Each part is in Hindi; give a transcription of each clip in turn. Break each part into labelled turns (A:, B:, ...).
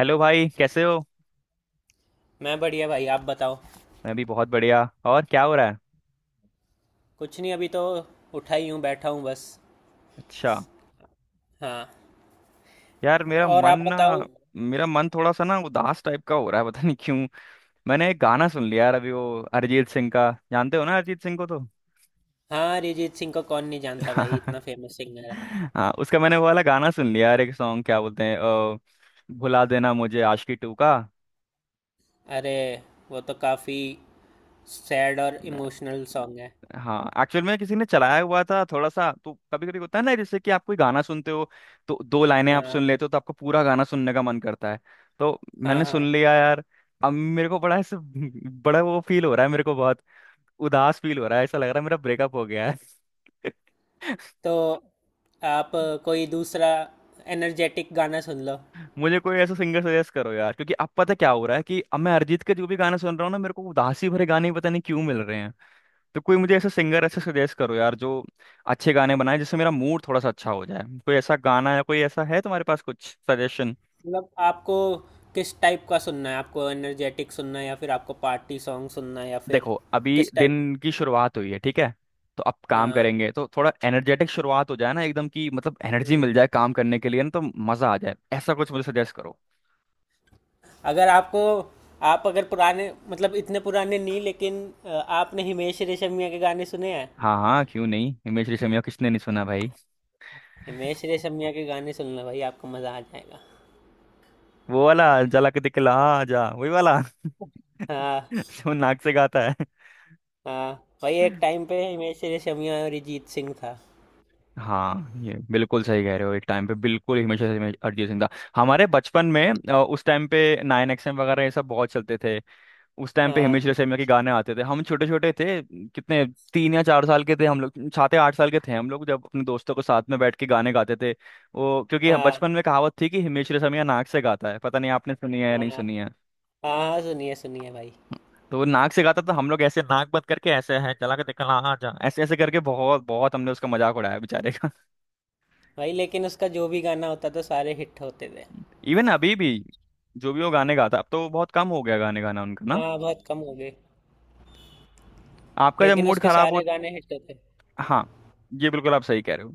A: हेलो भाई, कैसे हो?
B: मैं बढ़िया भाई। आप बताओ।
A: मैं भी बहुत बढ़िया। और क्या हो रहा है?
B: कुछ नहीं, अभी तो उठा ही हूँ, बैठा हूँ बस।
A: अच्छा।
B: हाँ।
A: यार, मेरा
B: और
A: मन
B: आप
A: ना
B: बताओ।
A: मेरा मन थोड़ा सा ना उदास टाइप का हो रहा है। पता नहीं क्यों। मैंने एक गाना सुन लिया यार अभी, वो अरिजीत सिंह का। जानते हो ना अरिजीत सिंह को तो।
B: हाँ, अरिजीत सिंह को कौन नहीं जानता भाई, इतना फेमस सिंगर है।
A: हाँ, उसका मैंने वो वाला गाना सुन लिया यार, एक सॉन्ग, क्या बोलते हैं भुला देना मुझे, आशिकी टू का।
B: अरे, वो तो काफ़ी सैड और इमोशनल सॉन्ग है।
A: हाँ, एक्चुअल में किसी ने चलाया हुआ था थोड़ा सा, तो कभी कभी होता है ना, जैसे कि आप कोई गाना सुनते हो तो दो लाइनें आप
B: हाँ
A: सुन लेते हो तो आपको पूरा गाना सुनने का मन करता है। तो
B: हाँ
A: मैंने
B: हाँ।
A: सुन लिया यार। अब मेरे को बड़ा ऐसे बड़ा वो फील हो रहा है, मेरे को बहुत उदास फील हो रहा है, ऐसा लग रहा है मेरा ब्रेकअप हो गया है।
B: तो आप कोई दूसरा एनर्जेटिक गाना सुन लो।
A: मुझे कोई ऐसा सिंगर सजेस्ट करो यार, क्योंकि अब पता क्या हो रहा है कि अब मैं अरिजीत के जो भी गाने सुन रहा हूँ ना, मेरे को उदासी भरे गाने ही पता नहीं क्यों मिल रहे। तो कोई मुझे ऐसा सिंगर ऐसे सजेस्ट करो यार जो अच्छे गाने बनाए, जिससे मेरा मूड थोड़ा सा अच्छा हो जाए। कोई ऐसा गाना या कोई ऐसा है तुम्हारे पास कुछ सजेशन?
B: मतलब आपको किस टाइप का सुनना है? आपको एनर्जेटिक सुनना है या फिर आपको पार्टी सॉन्ग सुनना है, या फिर
A: देखो, अभी
B: किस टाइप?
A: दिन की शुरुआत हुई है, ठीक है, तो अब काम
B: हाँ।
A: करेंगे तो थोड़ा एनर्जेटिक शुरुआत हो जाए ना एकदम की, मतलब एनर्जी
B: हम्म।
A: मिल जाए काम करने के लिए ना, तो मजा आ जाए, ऐसा कुछ मुझे सजेस्ट करो।
B: अगर आपको, आप अगर पुराने मतलब इतने पुराने नहीं, लेकिन आपने हिमेश रेशमिया के गाने सुने हैं?
A: हाँ हाँ, क्यों नहीं, हिमेश रेशमिया को किसने नहीं सुना भाई।
B: हिमेश रेशमिया के गाने सुनना भाई, आपको मज़ा आ जाएगा।
A: वो वाला, जला के दिखला जा, वही वाला,
B: हाँ
A: जो नाक से गाता
B: हाँ। भाई एक
A: है।
B: टाइम पे हिमेश रेशमिया और अरिजीत सिंह था।
A: हाँ, ये बिल्कुल सही कह रहे हो, एक टाइम पे बिल्कुल, हमेशा से हमेशा अरिजीत सिंह था। हमारे बचपन में, उस टाइम पे 9XM वगैरह ये सब बहुत चलते थे। उस टाइम पे हिमेश
B: हाँ
A: रेशमिया के गाने आते थे, हम छोटे छोटे थे। कितने, 3 या 4 साल के थे हम लोग, 7 या 8 साल के थे हम लोग, जब अपने दोस्तों के साथ में बैठ के गाने गाते थे वो। क्योंकि
B: हाँ
A: बचपन में कहावत थी कि हिमेश रेशमिया नाक से गाता है, पता नहीं आपने सुनी है या नहीं
B: हाँ
A: सुनी है।
B: हाँ। हाँ, सुनिए सुनिए भाई।
A: तो वो नाक से गाता था, तो हम लोग ऐसे नाक बंद करके ऐसे है चला के देखा हाँ हाँ, जा ऐसे ऐसे करके बहुत बहुत हमने उसका मजाक उड़ाया बेचारे।
B: भाई लेकिन उसका जो भी गाना होता था, सारे हिट होते थे।
A: इवन अभी भी जो भी वो गाने गाता, अब तो बहुत कम हो गया गाने गाना उनका ना।
B: हाँ, बहुत कम हो गए।
A: आपका जब
B: लेकिन
A: मूड
B: उसके
A: खराब हो।
B: सारे गाने हिट होते।
A: हाँ, ये बिल्कुल आप सही कह रहे हो।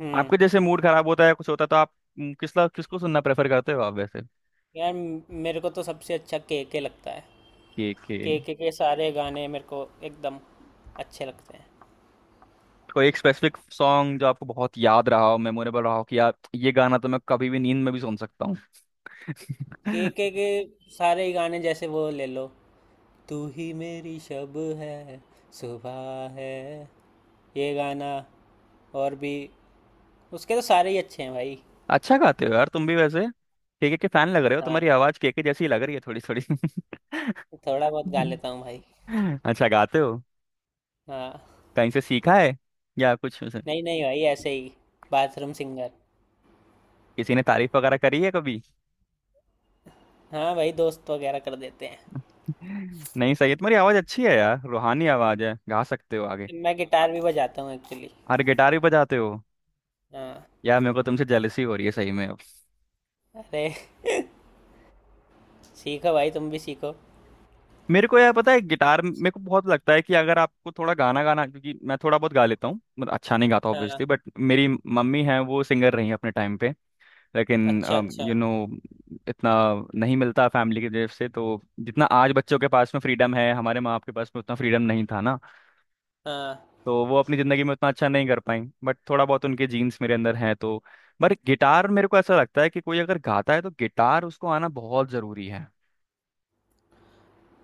B: हम्म।
A: आपका जैसे मूड खराब होता है, कुछ होता है तो आप किसला किसको सुनना प्रेफर करते हो आप वैसे?
B: यार मेरे को तो सबसे अच्छा के लगता है।
A: के के?
B: के सारे गाने मेरे को एकदम अच्छे लगते हैं।
A: कोई एक स्पेसिफिक सॉन्ग जो आपको बहुत याद रहा हो, मेमोरेबल रहा हो, कि यार ये गाना तो मैं कभी भी नींद में भी सुन सकता हूँ?
B: के सारे ही गाने, जैसे वो ले लो, तू ही मेरी शब है, सुबह है, ये गाना, और भी, उसके तो सारे ही अच्छे हैं भाई।
A: अच्छा गाते हो यार तुम भी वैसे। के फैन लग रहे हो,
B: हाँ,
A: तुम्हारी आवाज के जैसी लग रही है थोड़ी थोड़ी।
B: थोड़ा बहुत गा लेता हूँ भाई।
A: अच्छा गाते हो,
B: हाँ।
A: कहीं से सीखा है या कुछ?
B: नहीं नहीं भाई, ऐसे ही, बाथरूम सिंगर।
A: किसी ने तारीफ वगैरह करी है कभी?
B: हाँ भाई, दोस्त वगैरह कर देते हैं।
A: नहीं सही है, तुम्हारी आवाज अच्छी है यार, रूहानी आवाज है, गा सकते हो आगे।
B: मैं गिटार भी बजाता हूँ एक्चुअली।
A: अरे, गिटार भी बजाते हो?
B: हाँ।
A: यार, मेरे को तुमसे जेलसी हो रही है सही में अब।
B: अरे, सीखो भाई तुम भी सीखो।
A: मेरे को यार पता है, गिटार मेरे को बहुत लगता है कि अगर आपको थोड़ा गाना गाना, क्योंकि मैं थोड़ा बहुत गा लेता हूँ मतलब, अच्छा नहीं गाता
B: हाँ।
A: ऑब्वियसली, बट मेरी मम्मी है वो सिंगर रही है अपने टाइम पे। लेकिन
B: अच्छा अच्छा।
A: यू नो इतना नहीं मिलता फैमिली की तरफ से, तो जितना आज बच्चों के पास में फ्रीडम है, हमारे माँ बाप के पास में उतना फ्रीडम नहीं था ना।
B: हाँ,
A: तो वो अपनी ज़िंदगी में उतना अच्छा नहीं कर पाई, बट थोड़ा बहुत उनके जीन्स मेरे अंदर हैं तो। पर गिटार, मेरे को ऐसा लगता है कि कोई अगर गाता है तो गिटार उसको आना बहुत ज़रूरी है।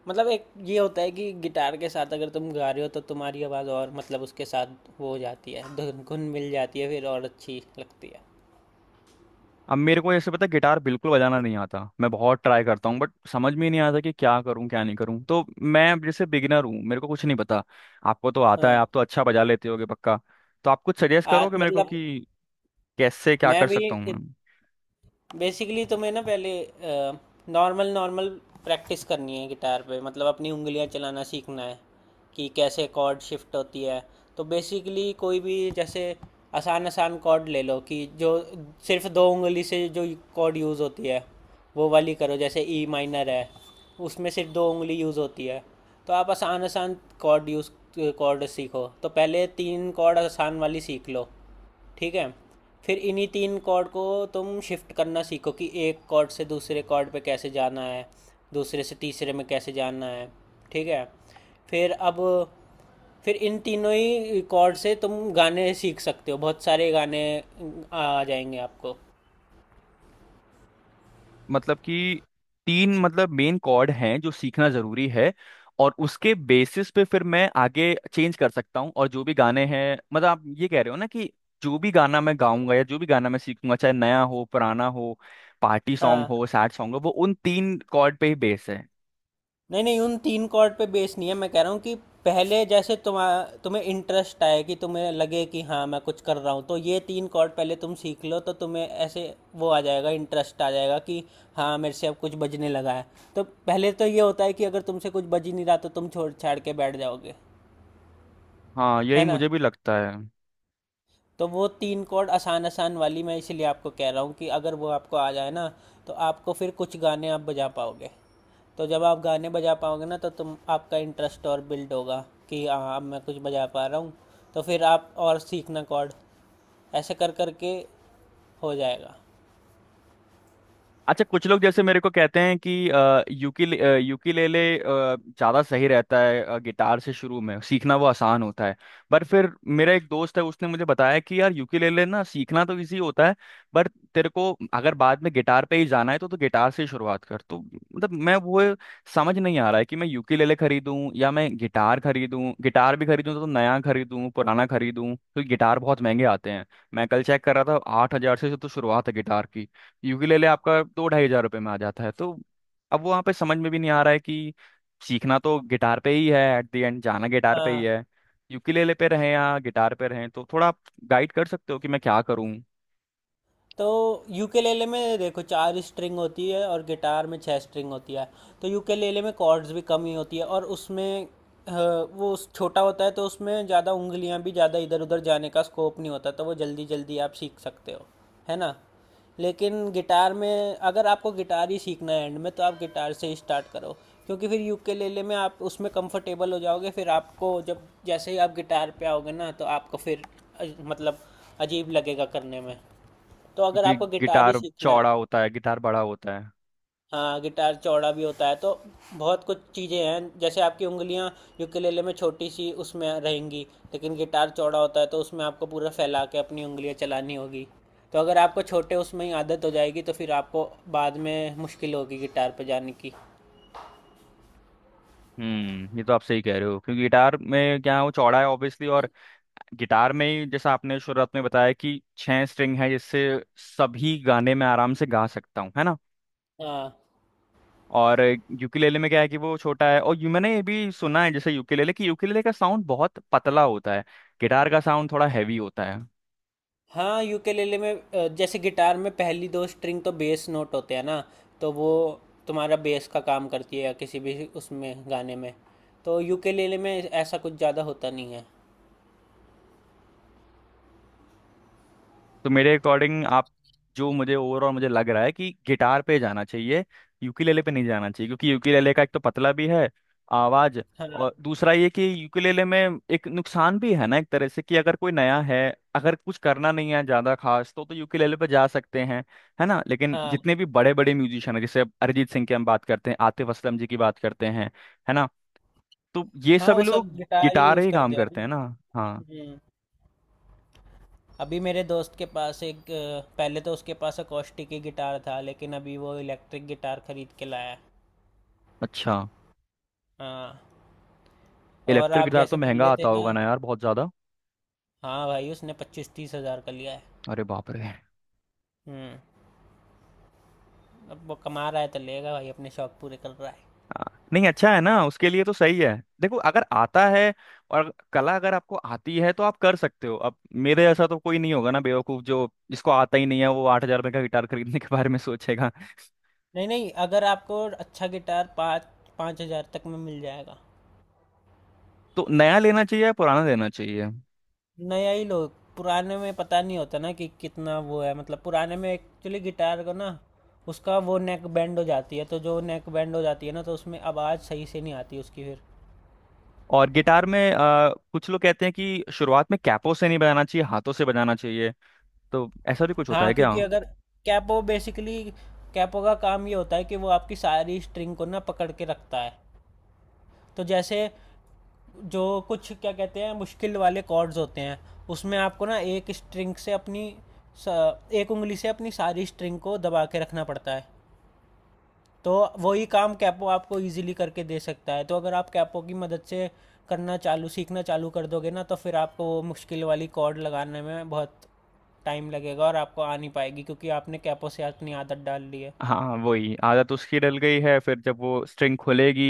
B: मतलब एक ये होता है कि गिटार के साथ अगर तुम गा रहे हो तो तुम्हारी आवाज़ और मतलब उसके साथ वो हो जाती है, धुन धुन मिल जाती है, फिर और अच्छी लगती है।
A: अब मेरे को ऐसे पता है, गिटार बिल्कुल बजाना नहीं आता, मैं बहुत ट्राई करता हूँ बट समझ में ही नहीं आता कि क्या करूँ क्या नहीं करूँ, तो मैं अब जैसे बिगिनर हूँ, मेरे को कुछ नहीं पता। आपको तो आता है,
B: हाँ।
A: आप तो अच्छा बजा लेते होगे पक्का। तो आप कुछ सजेस्ट करो
B: आज
A: कि मेरे को
B: मतलब
A: कि कैसे क्या
B: मैं
A: कर
B: भी,
A: सकता हूँ।
B: बेसिकली तुम्हें ना पहले नॉर्मल नॉर्मल प्रैक्टिस करनी है गिटार पे। मतलब अपनी उंगलियां चलाना सीखना है, कि कैसे कॉर्ड शिफ्ट होती है। तो बेसिकली कोई भी, जैसे आसान आसान कॉर्ड ले लो, कि जो सिर्फ दो उंगली से जो कॉर्ड यूज़ होती है वो वाली करो। जैसे ई माइनर है, उसमें सिर्फ दो उंगली यूज़ होती है। तो आप आसान आसान कॉर्ड यूज़, कॉर्ड सीखो, तो पहले तीन कॉर्ड आसान वाली सीख लो। ठीक है? फिर इन्हीं तीन कॉर्ड को तुम शिफ्ट करना सीखो, कि एक कॉर्ड से दूसरे कॉर्ड पे कैसे जाना है, दूसरे से तीसरे में कैसे जाना है। ठीक है? फिर अब, फिर इन तीनों ही कॉर्ड से तुम गाने सीख सकते हो, बहुत सारे गाने आ जाएंगे आपको।
A: मतलब कि तीन, मतलब मेन कॉर्ड हैं जो सीखना जरूरी है, और उसके बेसिस पे फिर मैं आगे चेंज कर सकता हूँ, और जो भी गाने हैं, मतलब आप ये कह रहे हो ना कि जो भी गाना मैं गाऊंगा या जो भी गाना मैं सीखूंगा, चाहे नया हो पुराना हो, पार्टी सॉन्ग
B: हाँ।
A: हो सैड सॉन्ग हो, वो उन तीन कॉर्ड पे ही बेस है?
B: नहीं नहीं, उन तीन कॉर्ड पे बेस नहीं है, मैं कह रहा हूँ कि पहले जैसे तुम, तुम्हें इंटरेस्ट आए, कि तुम्हें लगे कि हाँ मैं कुछ कर रहा हूँ, तो ये तीन कॉर्ड पहले तुम सीख लो, तो तुम्हें ऐसे वो आ जाएगा, इंटरेस्ट आ जाएगा कि हाँ मेरे से अब कुछ बजने लगा है। तो पहले तो ये होता है कि अगर तुमसे कुछ बज ही नहीं रहा तो तुम छोड़ छाड़ के बैठ जाओगे।
A: हाँ, यही
B: है ना?
A: मुझे भी लगता है।
B: तो वो तीन कॉर्ड आसान आसान वाली मैं इसलिए आपको कह रहा हूँ, कि अगर वो आपको आ जाए ना तो आपको फिर कुछ गाने आप बजा पाओगे। तो जब आप गाने बजा पाओगे ना तो तुम, आपका इंटरेस्ट और बिल्ड होगा, कि हाँ अब मैं कुछ बजा पा रहा हूँ। तो फिर आप और सीखना कॉर्ड ऐसे कर कर के हो जाएगा।
A: अच्छा, कुछ लोग जैसे मेरे को कहते हैं कि यूकिल यूकिलेले ज़्यादा सही रहता है, गिटार से शुरू में सीखना वो आसान होता है। पर फिर मेरा एक दोस्त है, उसने मुझे बताया कि यार, यूकिलेले ना सीखना तो इजी होता है, पर तेरे को अगर बाद में गिटार पे ही जाना है तो गिटार से ही शुरुआत कर। तो मतलब, मैं वो समझ नहीं आ रहा है कि मैं यूकिलेले खरीदूं या मैं गिटार खरीदूं, गिटार भी खरीदूं तो नया खरीदूं पुराना खरीदूं? तो गिटार बहुत महंगे आते हैं, मैं कल चेक कर रहा था, 8 हजार से तो शुरुआत है गिटार की। यूकेलेले आपका 2 ढाई हजार रुपये में आ जाता है, तो अब वहाँ पे समझ में भी नहीं आ रहा है कि, सीखना तो गिटार पे ही है, एट द एंड जाना गिटार पे ही
B: हाँ।
A: है, यूकेलेले पे रहें या गिटार पे रहें। तो थोड़ा आप गाइड कर सकते हो कि मैं क्या करूँ।
B: तो यूकेलेले में देखो चार स्ट्रिंग होती है और गिटार में छह स्ट्रिंग होती है। तो यूकेलेले में कॉर्ड्स भी कम ही होती है, और उसमें वो छोटा होता है, तो उसमें ज़्यादा उंगलियां भी ज़्यादा इधर उधर जाने का स्कोप नहीं होता, तो वो जल्दी जल्दी आप सीख सकते हो। है ना? लेकिन गिटार में, अगर आपको गिटार ही सीखना है एंड में, तो आप गिटार से ही स्टार्ट करो। क्योंकि फिर यूकेलेले में आप उसमें कंफर्टेबल हो जाओगे, फिर आपको जब जैसे ही आप गिटार पे आओगे ना, तो आपको फिर मतलब अजीब लगेगा करने में। तो अगर
A: क्योंकि
B: आपको गिटार ही
A: गिटार
B: सीखना है।
A: चौड़ा होता है, गिटार बड़ा होता है।
B: हाँ, गिटार चौड़ा भी होता है तो बहुत कुछ चीज़ें हैं। जैसे आपकी उंगलियां यूकेलेले में छोटी सी उसमें रहेंगी, लेकिन गिटार चौड़ा होता है, तो उसमें आपको पूरा फैला के अपनी उंगलियां चलानी होगी। तो अगर आपको छोटे उसमें ही आदत हो जाएगी तो फिर आपको बाद में मुश्किल होगी गिटार पे जाने की।
A: हम्म, ये तो आप सही कह रहे हो, क्योंकि गिटार में क्या है, वो चौड़ा है ऑब्वियसली, और गिटार में ही जैसा आपने शुरुआत में बताया कि 6 स्ट्रिंग है, जिससे सभी गाने में आराम से गा सकता हूँ, है ना।
B: हाँ
A: और यूकेलेले में क्या है कि वो छोटा है, और यू मैंने ये भी सुना है जैसे यूकेलेले, कि यूकेलेले का साउंड बहुत पतला होता है, गिटार का साउंड थोड़ा हैवी होता है।
B: हाँ, यूकेलेले में जैसे गिटार में पहली दो स्ट्रिंग तो बेस नोट होते हैं ना, तो वो तुम्हारा बेस का काम करती है, या किसी भी उसमें गाने में। तो यूकेलेले में ऐसा कुछ ज़्यादा होता नहीं है।
A: तो मेरे अकॉर्डिंग आप, जो मुझे ओवरऑल मुझे लग रहा है कि गिटार पे जाना चाहिए, यूकेलेले पे नहीं जाना चाहिए, क्योंकि यूकेलेले का एक तो पतला भी है आवाज,
B: हाँ
A: और दूसरा ये कि यूकेलेले में एक नुकसान भी है ना एक तरह से, कि अगर कोई नया है, अगर कुछ करना नहीं है ज्यादा खास तो यूकेलेले पे जा सकते हैं, है ना। लेकिन
B: हाँ।
A: जितने भी बड़े बड़े म्यूजिशियन हैं, जैसे अब अरिजीत सिंह की हम बात करते हैं, आतिफ असलम जी की बात करते हैं, है ना, तो ये
B: हाँ,
A: सभी
B: वो
A: लोग
B: सब गिटार ही
A: गिटार
B: यूज़
A: ही काम
B: करते हैं
A: करते
B: ना।
A: हैं ना। हाँ।
B: हम्म। अभी मेरे दोस्त के पास एक पहले तो उसके पास अकॉस्टिक ही गिटार था, लेकिन अभी वो इलेक्ट्रिक गिटार खरीद के लाया है।
A: अच्छा,
B: हाँ। और
A: इलेक्ट्रिक
B: आप
A: गिटार तो
B: जैसे बोल
A: महंगा
B: रहे थे
A: आता
B: ना।
A: होगा ना यार, बहुत ज्यादा।
B: हाँ भाई, उसने 25-30 हज़ार का लिया है।
A: अरे बाप रे।
B: हम्म। अब वो कमा रहा है तो लेगा भाई, अपने शौक पूरे कर रहा है।
A: हाँ, नहीं, अच्छा है ना उसके लिए तो, सही है। देखो, अगर आता है और कला अगर आपको आती है तो आप कर सकते हो। अब मेरे जैसा तो कोई नहीं होगा ना बेवकूफ, जो जिसको आता ही नहीं है वो 8 हजार रुपये का गिटार खरीदने के बारे में सोचेगा।
B: नहीं नहीं, अगर आपको अच्छा गिटार पाँच, 5 हज़ार तक में मिल जाएगा।
A: तो नया लेना चाहिए या पुराना लेना चाहिए?
B: नया ही लो। पुराने में पता नहीं होता ना कि कितना वो है, मतलब पुराने में एक्चुअली गिटार को ना उसका वो नेक बैंड हो जाती है, तो जो नेक बैंड हो जाती है ना तो उसमें आवाज़ सही से नहीं आती उसकी फिर।
A: और गिटार में कुछ लोग कहते हैं कि शुरुआत में कैपो से नहीं बजाना चाहिए, हाथों से बजाना चाहिए। तो ऐसा भी कुछ होता
B: हाँ
A: है क्या?
B: क्योंकि अगर, कैपो बेसिकली, कैपो का काम ये होता है कि वो आपकी सारी स्ट्रिंग को ना पकड़ के रखता है। तो जैसे जो कुछ क्या कहते हैं, मुश्किल वाले कॉर्ड्स होते हैं, उसमें आपको ना एक स्ट्रिंग से अपनी एक उंगली से अपनी सारी स्ट्रिंग को दबा के रखना पड़ता है। तो वही काम कैपो आपको इजीली करके दे सकता है। तो अगर आप कैपो की मदद से करना चालू सीखना चालू कर दोगे ना, तो फिर आपको वो मुश्किल वाली कॉर्ड लगाने में बहुत टाइम लगेगा, और आपको आ नहीं पाएगी क्योंकि आपने कैपो से अपनी आदत डाल ली है।
A: हाँ, वही आदत उसकी डल गई है, फिर जब वो स्ट्रिंग खुलेगी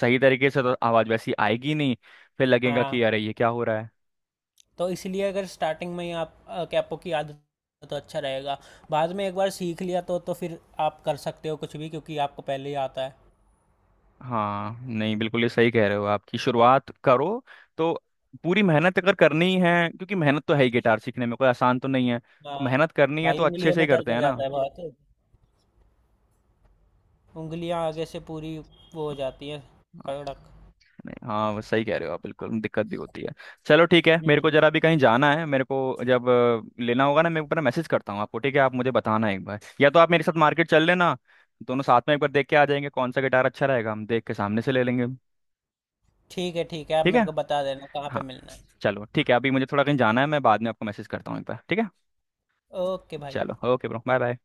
A: सही तरीके से तो आवाज वैसी आएगी नहीं, फिर लगेगा कि
B: हाँ,
A: अरे ये क्या हो रहा है।
B: तो इसलिए अगर स्टार्टिंग में ही आप कैपो की आदत है तो अच्छा रहेगा। बाद में एक बार सीख लिया तो फिर आप कर सकते हो कुछ भी, क्योंकि आपको पहले ही आता है।
A: हाँ नहीं, बिल्कुल ये सही कह रहे हो, आपकी शुरुआत करो तो पूरी मेहनत अगर करनी है, क्योंकि मेहनत तो है ही गिटार सीखने में, कोई आसान तो नहीं है।
B: हाँ
A: मेहनत करनी है तो
B: भाई,
A: अच्छे
B: उंगलियों
A: से ही
B: में दर्द
A: करते
B: हो
A: हैं
B: जाता
A: ना।
B: है बहुत। उंगलियां आगे से पूरी वो हो जाती है, कड़क।
A: नहीं, हाँ, वो सही कह रहे हो आप बिल्कुल, दिक्कत भी होती है। चलो ठीक है, मेरे को
B: हम्म।
A: जरा भी कहीं जाना है, मेरे को जब लेना होगा ना मैं ऊपर मैसेज करता हूँ आपको, ठीक है। आप मुझे बताना एक बार, या तो आप मेरे साथ मार्केट चल लेना, दोनों साथ में एक बार देख के आ जाएंगे, कौन सा गिटार अच्छा रहेगा हम देख के सामने से ले लेंगे।
B: ठीक है ठीक है, आप
A: ठीक है।
B: मेरे को बता देना कहाँ पे
A: हाँ।
B: मिलना है।
A: चलो ठीक है, अभी मुझे थोड़ा कहीं जाना है, मैं बाद में आपको मैसेज करता हूँ एक बार, ठीक है।
B: ओके भाई।
A: चलो, ओके ब्रो, बाय बाय।